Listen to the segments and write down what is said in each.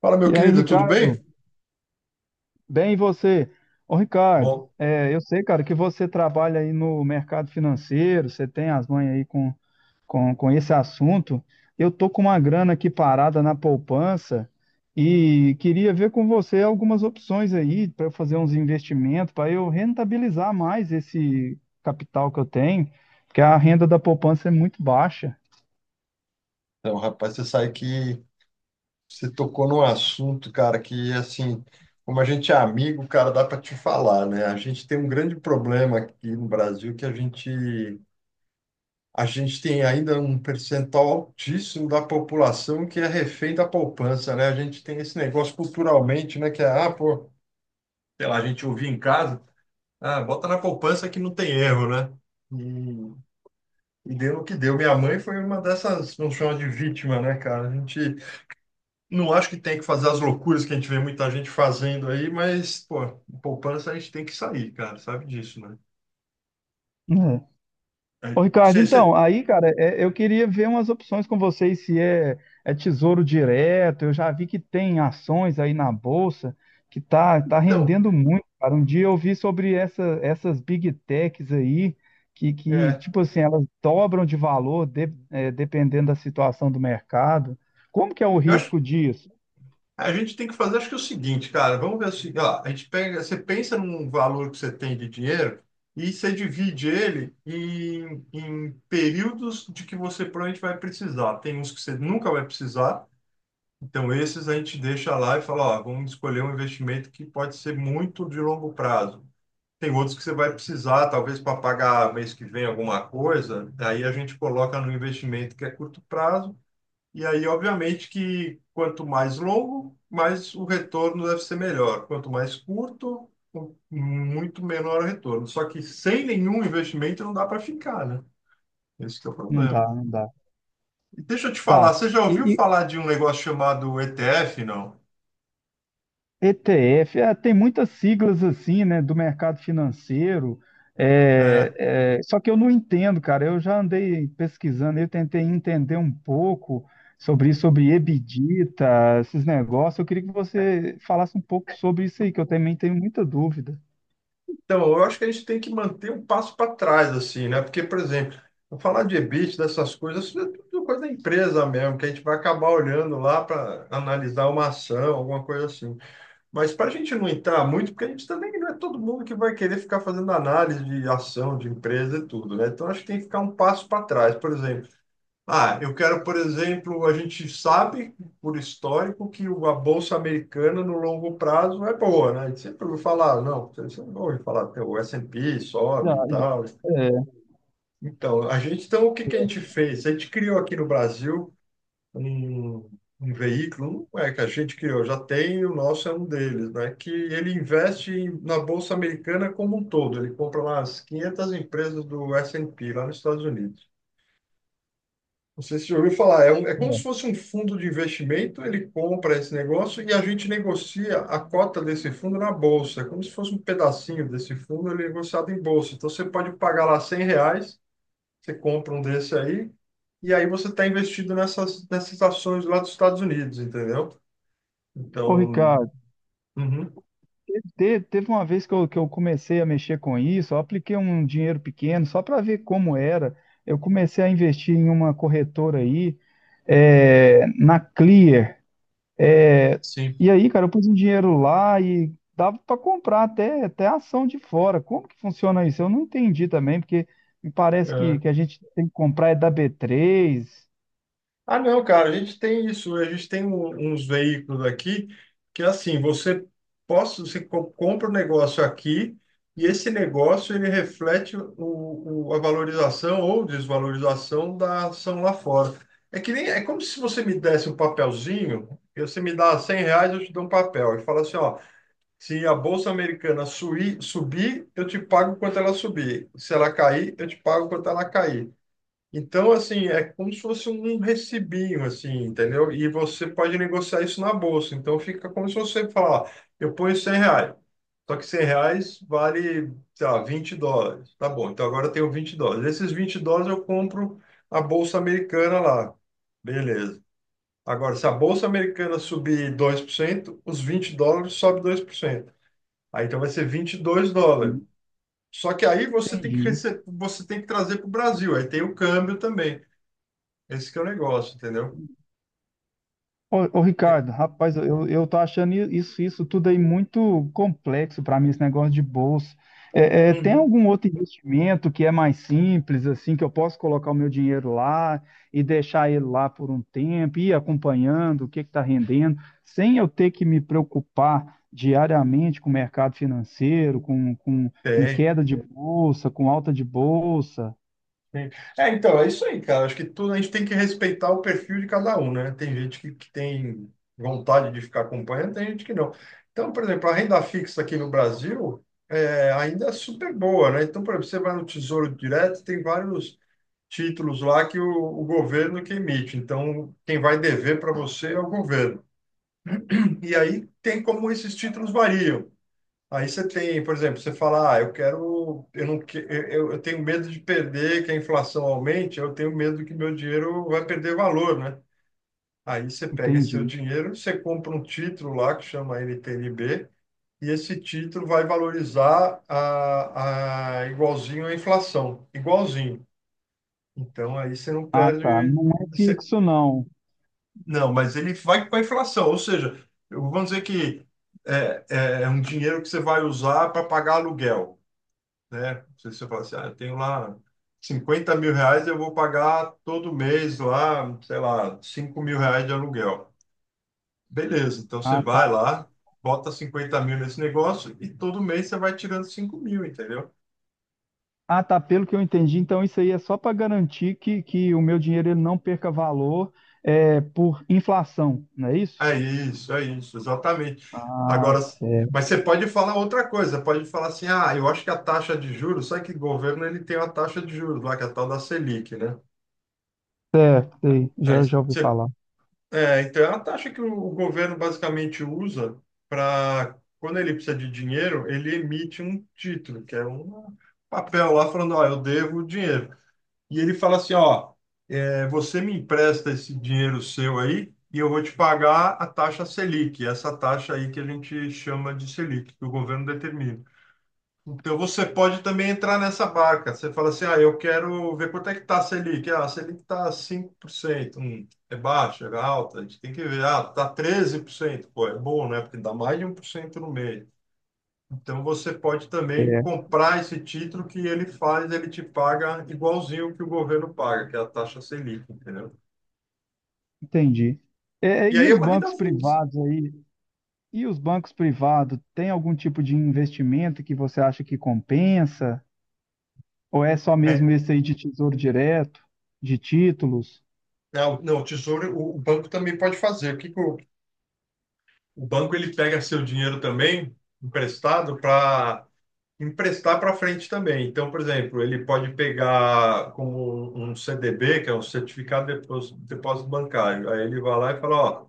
Fala, meu E aí, querido, tudo Ricardo? bem? Bem, e você? Ô, Ricardo, Bom, é, eu sei, cara, que você trabalha aí no mercado financeiro, você tem as mães aí com esse assunto. Eu tô com uma grana aqui parada na poupança e queria ver com você algumas opções aí para eu fazer uns investimentos, para eu rentabilizar mais esse capital que eu tenho, porque a renda da poupança é muito baixa. então, rapaz, você sabe que Você tocou num assunto, cara, que, assim, como a gente é amigo, cara, dá para te falar, né? A gente tem um grande problema aqui no Brasil que a gente tem ainda um percentual altíssimo da população que é refém da poupança, né? A gente tem esse negócio culturalmente, né? Que é, pô, sei lá, a gente ouvia em casa, ah, bota na poupança que não tem erro, né? E deu no que deu. Minha mãe foi uma dessas, vamos chamar de vítima, né, cara? A gente não acho que tem que fazer as loucuras que a gente vê muita gente fazendo aí, mas, pô, poupança a gente tem que sair, cara, sabe disso, né? Ô, Aí, Ricardo, então, aí, cara, eu queria ver umas opções com vocês, se é tesouro direto, eu já vi que tem ações aí na bolsa, que tá então, rendendo muito, cara. Um dia eu vi sobre essas big techs aí, é, tipo assim, elas dobram de valor dependendo da situação do mercado. Como que é o eu acho que risco disso? a gente tem que fazer, acho que é o seguinte, cara, vamos ver assim ó, a gente pega, você pensa num valor que você tem de dinheiro e você divide ele em, em períodos de que você provavelmente vai precisar. Tem uns que você nunca vai precisar. Então, esses a gente deixa lá e fala, ó, vamos escolher um investimento que pode ser muito de longo prazo. Tem outros que você vai precisar, talvez para pagar mês que vem alguma coisa, aí a gente coloca no investimento que é curto prazo, e aí, obviamente, que quanto mais longo, mais o retorno deve ser melhor. Quanto mais curto, com muito menor o retorno. Só que sem nenhum investimento não dá para ficar, né? Esse que é o Não dá, problema. não dá. E deixa eu te falar, Tá. você já ouviu E, falar de um negócio chamado ETF, não? ETF, é, tem muitas siglas assim, né, do mercado financeiro, É, só que eu não entendo, cara. Eu já andei pesquisando, eu tentei entender um pouco sobre isso, Uhum. sobre EBITDA, esses negócios. Eu queria que você falasse um pouco sobre isso aí, que eu também tenho muita dúvida. Então, eu acho que a gente tem que manter um passo para trás, assim, né? Porque, por exemplo, eu falar de EBIT, dessas coisas, isso é tudo coisa da empresa mesmo, que a gente vai acabar olhando lá para analisar uma ação, alguma coisa assim. Mas para a gente não entrar muito, porque a gente também não é todo mundo que vai querer ficar fazendo análise de ação, de empresa e tudo, né? Então, acho que tem que ficar um passo para trás. Por exemplo, ah, eu quero, por exemplo, a gente sabe por histórico que a bolsa americana no longo prazo é boa, né? A gente sempre ouviu falar, não, você não ouve falar, tem o S&P Já, sobe e tal. é, Então, o que que a gente fez? A gente criou aqui no Brasil um, um veículo, não é que a gente criou, já tem, o nosso é um deles, né? Que ele investe na bolsa americana como um todo, ele compra lá as 500 empresas do S&P lá nos Estados Unidos. Não sei se você já ouviu falar, é como se é. fosse um fundo de investimento, ele compra esse negócio e a gente negocia a cota desse fundo na bolsa. É como se fosse um pedacinho desse fundo, ele é negociado em bolsa. Então você pode pagar lá 100 reais, você compra um desse aí, e aí você está investido nessas ações lá dos Estados Unidos, entendeu? Ô, Então, Ricardo. uhum, Teve uma vez que eu, comecei a mexer com isso, eu apliquei um dinheiro pequeno só para ver como era. Eu comecei a investir em uma corretora aí, na Clear. é, sim. e aí, cara, eu pus um dinheiro lá e dava para comprar até ação de fora. Como que funciona isso? Eu não entendi também, porque me parece que a gente tem que comprar é da B3. Ah, não, cara, a gente tem isso, a gente tem uns veículos aqui que assim, você possa, você compra um negócio aqui e esse negócio ele reflete a valorização ou desvalorização da ação lá fora. É que nem, é como se você me desse um papelzinho, e você me dá 100 reais, eu te dou um papel e fala assim, ó, se a bolsa americana subir, eu te pago quanto ela subir. Se ela cair, eu te pago quanto ela cair. Então, assim, é como se fosse um recibinho, assim, entendeu? E você pode negociar isso na bolsa. Então, fica como se você falar, ó, eu ponho 100 reais. Só que 100 reais vale, sei lá, 20 dólares. Tá bom, então agora eu tenho 20 dólares. Esses 20 dólares eu compro a bolsa americana lá. Beleza. Agora, se a bolsa americana subir dois por cento, os 20 dólares sobe dois por cento. Aí, então, vai ser 22 dólares. Só que aí você tem que Entendi. Você tem que trazer para o Brasil. Aí tem o câmbio também. Esse que é o negócio, entendeu? Ô, Ricardo, rapaz, eu tô achando isso, isso tudo aí muito complexo para mim, esse negócio de bolsa. Tem Uhum. algum outro investimento que é mais simples, assim, que eu posso colocar o meu dinheiro lá e deixar ele lá por um tempo, ir acompanhando o que está rendendo, sem eu ter que me preocupar diariamente com o mercado financeiro, com Tem. queda de bolsa, com alta de bolsa? Tem. É, então, é isso aí, cara. Acho que tudo a gente tem que respeitar o perfil de cada um, né? Tem gente que tem vontade de ficar acompanhando, tem gente que não. Então, por exemplo, a renda fixa aqui no Brasil ainda é super boa, né? Então, por exemplo, você vai no Tesouro Direto, tem vários títulos lá que o governo que emite. Então, quem vai dever para você é o governo. E aí tem como esses títulos variam. Aí você tem, por exemplo, você fala, ah, eu quero, eu não, eu tenho medo de perder, que a inflação aumente, eu tenho medo que meu dinheiro vai perder valor, né? Aí você pega esse seu Entendi. dinheiro, você compra um título lá que chama NTNB, e esse título vai valorizar a igualzinho à inflação, igualzinho. Então aí você não Ah, tá. perde, Não é você, fixo, não. não, mas ele vai com a inflação, ou seja, vamos dizer que é um dinheiro que você vai usar para pagar aluguel, né? Se você fala assim, ah, eu tenho lá 50 mil reais, eu vou pagar todo mês lá, sei lá, 5 mil reais de aluguel. Beleza, então você Ah, tá. vai lá, bota 50 mil nesse negócio e todo mês você vai tirando 5 mil, entendeu? Ah, tá. Pelo que eu entendi, então isso aí é só para garantir que o meu dinheiro ele não perca valor, por inflação, não é isso? É isso, exatamente. Ah, Agora, mas certo. você pode falar outra coisa, pode falar assim, ah, eu acho que a taxa de juros, sabe que o governo ele tem uma taxa de juros lá, que é a tal da Selic, né? Sei, Aí já ouvi você falar. É, então é a taxa que o governo basicamente usa para, quando ele precisa de dinheiro, ele emite um título, que é um papel lá falando, ó, eu devo o dinheiro. E ele fala assim, ó, você me empresta esse dinheiro seu aí e eu vou te pagar a taxa Selic, essa taxa aí que a gente chama de Selic, que o governo determina. Então você pode também entrar nessa barca. Você fala assim, ah, eu quero ver quanto é que está a Selic. Ah, a Selic está 5%. É baixa, é alta. A gente tem que ver. Ah, está 13%. Pô, é bom, né? Porque dá mais de um por cento no mês. Então você pode também É, comprar esse título que ele faz, ele te paga igualzinho que o governo paga, que é a taxa Selic, entendeu? entendi. É, E e aí é os uma renda bancos fixa. privados aí? E os bancos privados, tem algum tipo de investimento que você acha que compensa? Ou é só É, mesmo esse aí de tesouro direto, de títulos? não, não, o tesouro, o banco também pode fazer. O que que o banco ele pega seu dinheiro também emprestado para emprestar para frente também. Então, por exemplo, ele pode pegar como um CDB, que é um certificado de depósito, depósito bancário. Aí ele vai lá e fala, ó,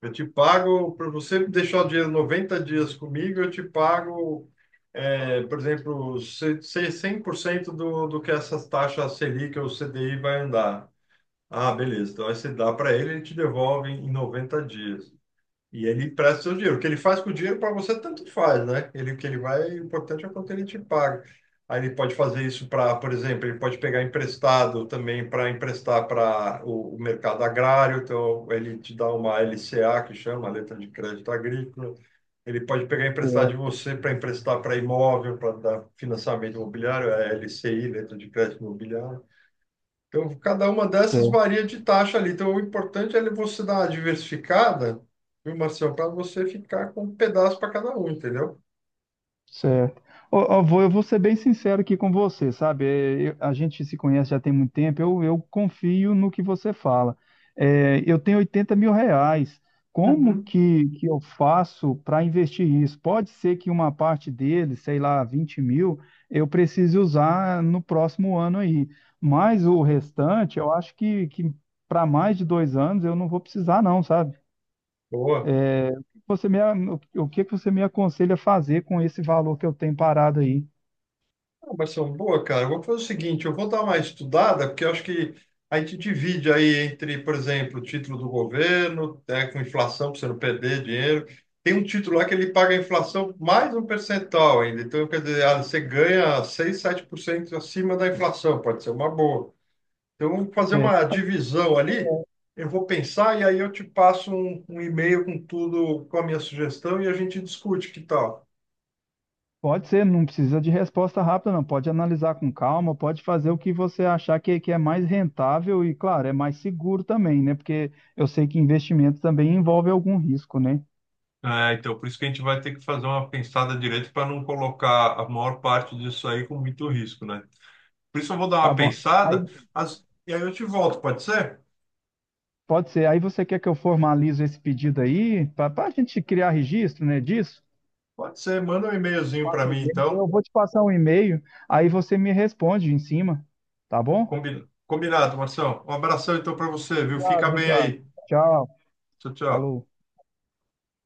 eu te pago, para você deixar o dinheiro 90 dias comigo, eu te pago, é, por exemplo, 100% do, do que essas taxas Selic ou CDI vai andar. Ah, beleza. Então, aí você dá para ele, ele te devolve em 90 dias. E ele empresta seu dinheiro. O que ele faz com o dinheiro para você, tanto faz, né? Ele, o que ele vai, o importante é o quanto ele te paga. Aí ele pode fazer isso para, por exemplo, ele pode pegar emprestado também para emprestar para o mercado agrário. Então, ele te dá uma LCA, que chama, letra de crédito agrícola. Ele pode pegar emprestado de você para emprestar para imóvel, para dar financiamento imobiliário, é LCI, letra de crédito imobiliário. Então, cada uma dessas Certo. varia de taxa ali. Então, o importante é você dar uma diversificada, viu, Marcião, para você ficar com um pedaço para cada um, entendeu? Certo. Vô, eu vou ser bem sincero aqui com você, sabe? É, a gente se conhece já tem muito tempo, eu confio no que você fala. É, eu tenho R$ 80.000. Como Uhum. que eu faço para investir isso? Pode ser que uma parte dele, sei lá, 20 mil, eu precise usar no próximo ano aí. Mas o restante, eu acho que para mais de 2 anos eu não vou precisar, não, sabe? Boa. Você me, a- o que que você me aconselha a fazer com esse valor que eu tenho parado aí? Ah, Marcião, boa, cara. Eu vou fazer o seguinte, eu vou dar uma estudada, porque eu acho que a gente divide aí entre, por exemplo, título do governo, né, com inflação, para você não perder dinheiro. Tem um título lá que ele paga a inflação mais um percentual ainda. Então, quer dizer, ah, você ganha seis, sete por cento acima da inflação, pode ser uma boa. Então, vamos fazer É, uma divisão ali. Eu vou pensar e aí eu te passo um e-mail com tudo, com a minha sugestão e a gente discute, que tal? pode ser, não precisa de resposta rápida, não. Pode analisar com calma, pode fazer o que você achar que é mais rentável e, claro, é mais seguro também, né? Porque eu sei que investimento também envolve algum risco, né? É, então, por isso que a gente vai ter que fazer uma pensada direito para não colocar a maior parte disso aí com muito risco, né? Por isso eu vou dar Tá uma bom. Aí pensada, e aí eu te volto, pode ser? pode ser. Aí você quer que eu formalizo esse pedido aí, para a gente criar registro, né, disso? Pode ser, manda um Te e-mailzinho para passo um mim, e-mail, então. Eu vou te passar um e-mail, aí você me responde em cima, tá bom? Combinado, Marção. Um abração, então, para você, viu? Fica Obrigado, bem Ricardo. aí. Tchau. Tchau, tchau. Falou.